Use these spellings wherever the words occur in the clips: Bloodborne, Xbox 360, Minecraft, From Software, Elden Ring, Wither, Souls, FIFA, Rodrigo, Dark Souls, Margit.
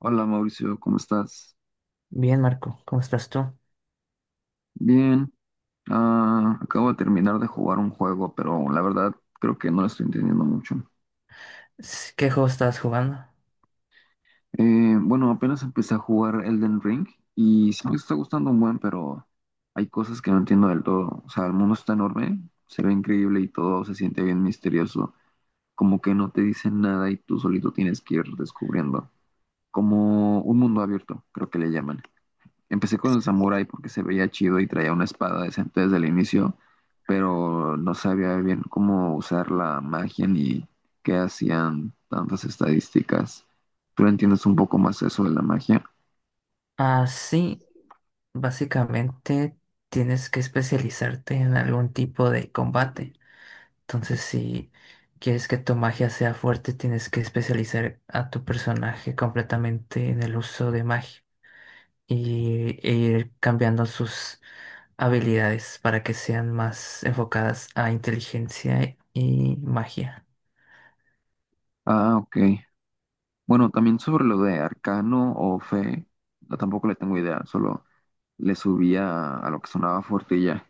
Hola Mauricio, ¿cómo estás? Bien, Marco, ¿cómo estás tú? Bien, acabo de terminar de jugar un juego, pero la verdad creo que no lo estoy entendiendo mucho. ¿Qué juego estás jugando? Bueno, apenas empecé a jugar Elden Ring y sí me está gustando un buen, pero hay cosas que no entiendo del todo. O sea, el mundo está enorme, se ve increíble y todo se siente bien misterioso, como que no te dicen nada y tú solito tienes que ir descubriendo, como un mundo abierto, creo que le llaman. Empecé con el samurái porque se veía chido y traía una espada decente desde el inicio, pero no sabía bien cómo usar la magia ni qué hacían tantas estadísticas. ¿Tú entiendes un poco más eso de la magia? Ah, sí, básicamente tienes que especializarte en algún tipo de combate. Entonces, si quieres que tu magia sea fuerte, tienes que especializar a tu personaje completamente en el uso de magia e ir cambiando sus habilidades para que sean más enfocadas a inteligencia y magia. Ah, ok. Bueno, también sobre lo de arcano o fe, no, tampoco le tengo idea, solo le subía a lo que sonaba fuerte y ya.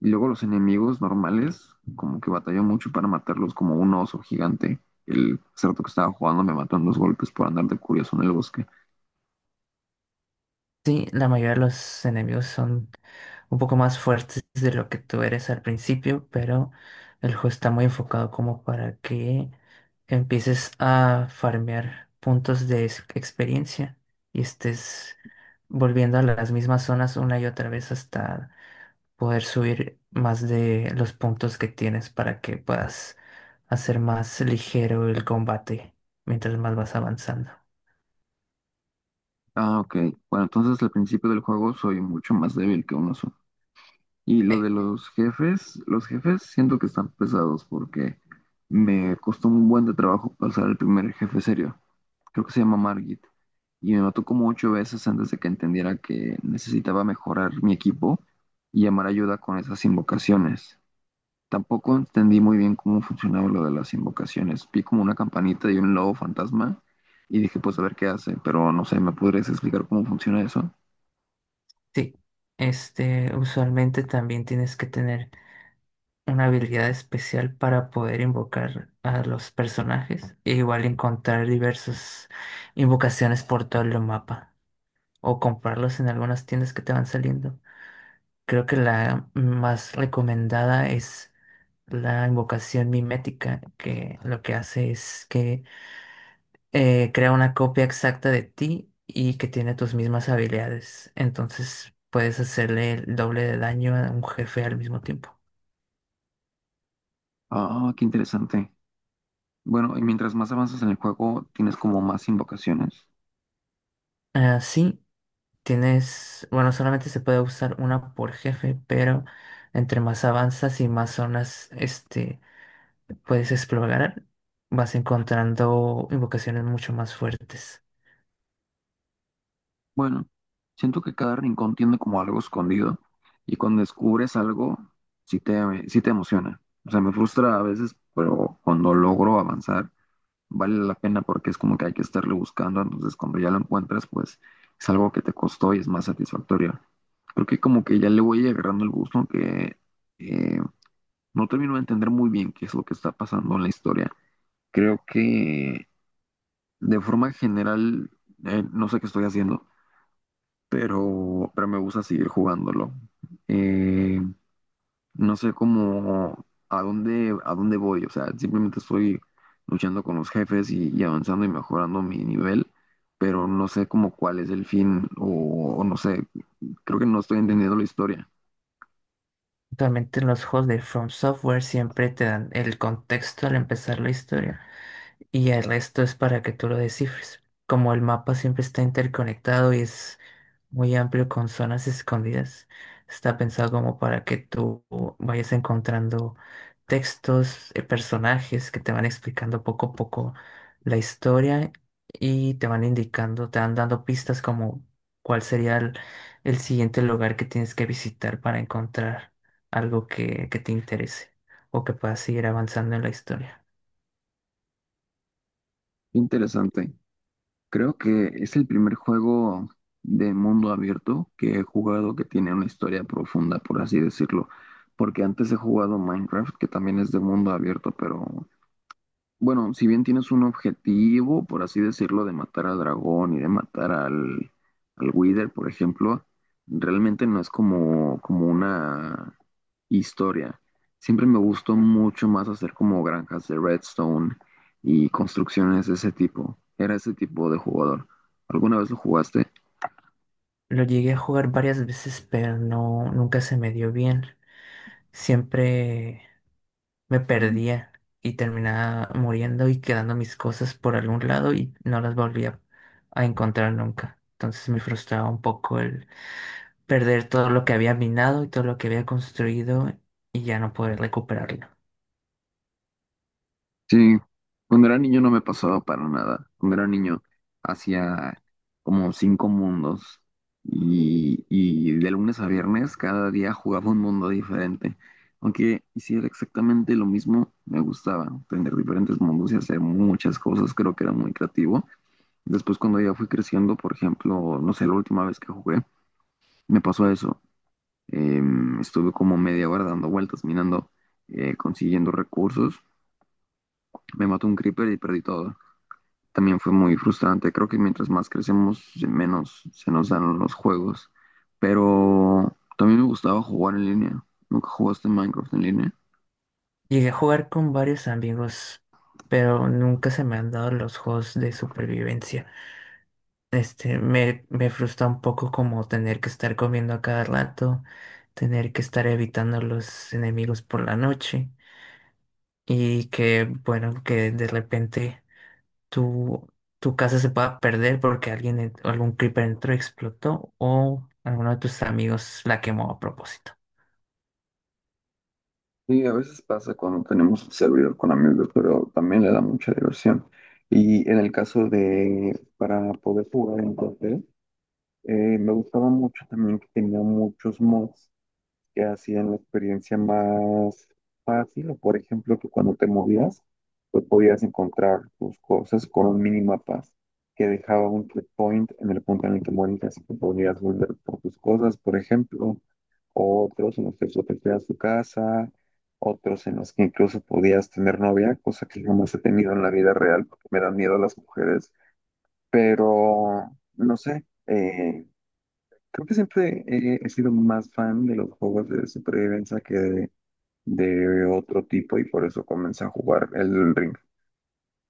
Y luego los enemigos normales, como que batalló mucho para matarlos, como un oso gigante. El cerdo que estaba jugando me mató en dos golpes por andar de curioso en el bosque. Sí, la mayoría de los enemigos son un poco más fuertes de lo que tú eres al principio, pero el juego está muy enfocado como para que empieces a farmear puntos de experiencia y estés volviendo a las mismas zonas una y otra vez hasta poder subir más de los puntos que tienes para que puedas hacer más ligero el combate mientras más vas avanzando. Ah, ok. Bueno, entonces al principio del juego soy mucho más débil que un oso. Y lo Eh, de los jefes siento que están pesados porque me costó un buen de trabajo pasar el primer jefe serio. Creo que se llama Margit. Y me mató como ocho veces antes de que entendiera que necesitaba mejorar mi equipo y llamar ayuda con esas invocaciones. Tampoco entendí muy bien cómo funcionaba lo de las invocaciones. Vi como una campanita y un lobo fantasma y dije, pues a ver qué hace, pero no sé, ¿me podrías explicar cómo funciona eso? Sí, este, usualmente también tienes que tener una habilidad especial para poder invocar a los personajes e igual encontrar diversas invocaciones por todo el mapa o comprarlos en algunas tiendas que te van saliendo. Creo que la más recomendada es la invocación mimética, que lo que hace es que crea una copia exacta de ti y que tiene tus mismas habilidades. Entonces puedes hacerle el doble de daño a un jefe al mismo tiempo. Ah, qué interesante. Bueno, y mientras más avanzas en el juego, tienes como más invocaciones. Así Tienes, bueno, solamente se puede usar una por jefe, pero entre más avanzas y más zonas, este, puedes explorar, vas encontrando invocaciones mucho más fuertes. Bueno, siento que cada rincón tiene como algo escondido y cuando descubres algo, sí te emociona. O sea, me frustra a veces, pero cuando logro avanzar vale la pena porque es como que hay que estarle buscando, entonces cuando ya lo encuentras, pues es algo que te costó y es más satisfactorio. Creo que como que ya le voy agarrando el gusto que eh, no termino de entender muy bien qué es lo que está pasando en la historia. Creo que de forma general, no sé qué estoy haciendo, pero me gusta seguir jugándolo. Eh, no sé cómo a dónde voy. O sea, simplemente estoy luchando con los jefes y avanzando y mejorando mi nivel, pero no sé cómo cuál es el fin o no sé, creo que no estoy entendiendo la historia. Actualmente en los juegos de From Software siempre te dan el contexto al empezar la historia, y el resto es para que tú lo descifres. Como el mapa siempre está interconectado y es muy amplio con zonas escondidas, está pensado como para que tú vayas encontrando textos, personajes que te van explicando poco a poco la historia y te van indicando, te van dando pistas como cuál sería el siguiente lugar que tienes que visitar para encontrar algo que te interese o que puedas seguir avanzando en la historia. Interesante. Creo que es el primer juego de mundo abierto que he jugado que tiene una historia profunda, por así decirlo. Porque antes he jugado Minecraft, que también es de mundo abierto, pero bueno, si bien tienes un objetivo, por así decirlo, de matar al dragón y de matar al Wither, por ejemplo, realmente no es como, como una historia. Siempre me gustó mucho más hacer como granjas de redstone y construcciones de ese tipo. Era ese tipo de jugador. ¿Alguna vez lo jugaste? Lo llegué a jugar varias veces, pero no, nunca se me dio bien. Siempre me perdía y terminaba muriendo y quedando mis cosas por algún lado y no las volvía a encontrar nunca. Entonces me frustraba un poco el perder todo lo que había minado y todo lo que había construido y ya no poder recuperarlo. Sí, cuando era niño no me pasaba para nada. Cuando era niño hacía como cinco mundos y de lunes a viernes cada día jugaba un mundo diferente. Aunque hiciera exactamente lo mismo, me gustaba tener diferentes mundos y hacer muchas cosas. Creo que era muy creativo. Después cuando ya fui creciendo, por ejemplo, no sé, la última vez que jugué, me pasó eso. Estuve como media hora dando vueltas, minando, consiguiendo recursos. Me mató un creeper y perdí todo. También fue muy frustrante. Creo que mientras más crecemos, menos se nos dan los juegos. Pero también me gustaba jugar en línea. ¿Nunca jugaste Minecraft en línea? Llegué a jugar con varios amigos, pero nunca se me han dado los juegos de supervivencia. Este, me frustra un poco como tener que estar comiendo a cada rato, tener que estar evitando los enemigos por la noche y que, bueno, que de repente tu, tu casa se pueda perder porque alguien, algún creeper entró explotó o alguno de tus amigos la quemó a propósito. Sí, a veces pasa cuando tenemos un servidor con amigos, pero también le da mucha diversión. Y en el caso de, para poder jugar en papel, me gustaba mucho también que tenía muchos mods que hacían la experiencia más fácil, o por ejemplo, que cuando te movías, pues podías encontrar tus cosas con un minimapaz que dejaba un checkpoint en el punto en el que morías y que podías volver por tus cosas, por ejemplo, otros en los que protegías tu casa, otros en los que incluso podías tener novia, cosa que jamás he tenido en la vida real porque me dan miedo las mujeres, pero no sé. Creo que siempre he sido más fan de los juegos de supervivencia que de otro tipo y por eso comencé a jugar el Ring.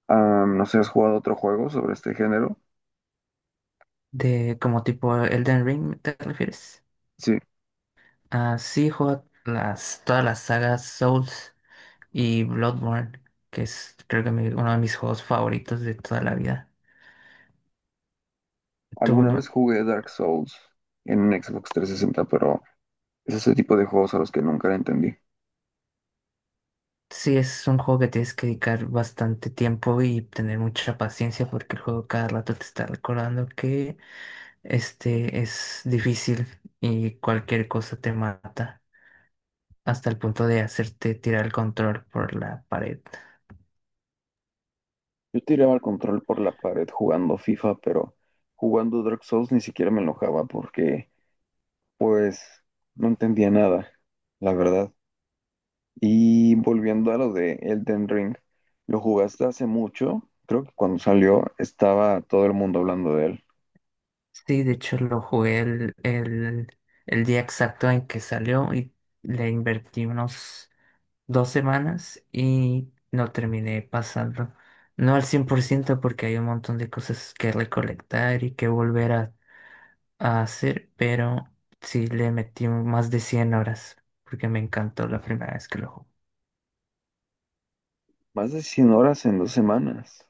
No sé, ¿has jugado otro juego sobre este género? ¿De como tipo Elden Ring, te refieres? Sí, Ah, sí, juego las, todas las sagas Souls y Bloodborne, que es creo que uno de mis juegos favoritos de toda la vida. Tú alguna vez no, jugué Dark Souls en un Xbox 360, pero es ese tipo de juegos a los que nunca le entendí. sí es un juego que tienes que dedicar bastante tiempo y tener mucha paciencia porque el juego cada rato te está recordando que este es difícil y cualquier cosa te mata hasta el punto de hacerte tirar el control por la pared. Yo tiraba el control por la pared jugando FIFA, pero jugando Dark Souls ni siquiera me enojaba porque, pues, no entendía nada, la verdad. Y volviendo a lo de Elden Ring, lo jugaste hace mucho, creo que cuando salió estaba todo el mundo hablando de él. Sí, de hecho lo jugué el día exacto en que salió y le invertí unos 2 semanas y no terminé pasando. No al 100% porque hay un montón de cosas que recolectar y que volver a hacer, pero sí le metí más de 100 horas porque me encantó la primera vez que lo jugué. Más de 100 horas en dos semanas.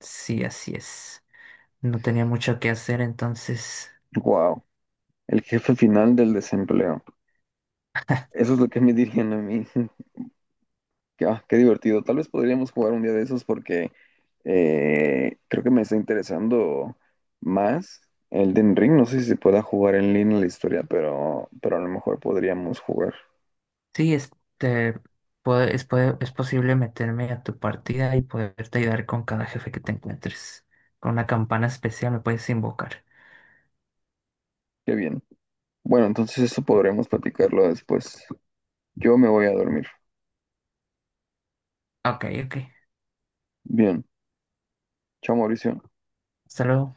Sí, así es. No tenía mucho que hacer, entonces Wow, el jefe final del desempleo. Eso es lo que me dirían a mí. Que, ah, qué divertido. Tal vez podríamos jugar un día de esos porque creo que me está interesando más Elden Ring. No sé si se pueda jugar en línea la historia, pero a lo mejor podríamos jugar. sí, este, es posible meterme a tu partida y poderte ayudar con cada jefe que te encuentres. Con una campana especial me puedes invocar. Qué bien. Bueno, entonces eso podremos platicarlo después. Yo me voy a dormir. Ok, ok. Bien. Chao, Mauricio. Hasta luego.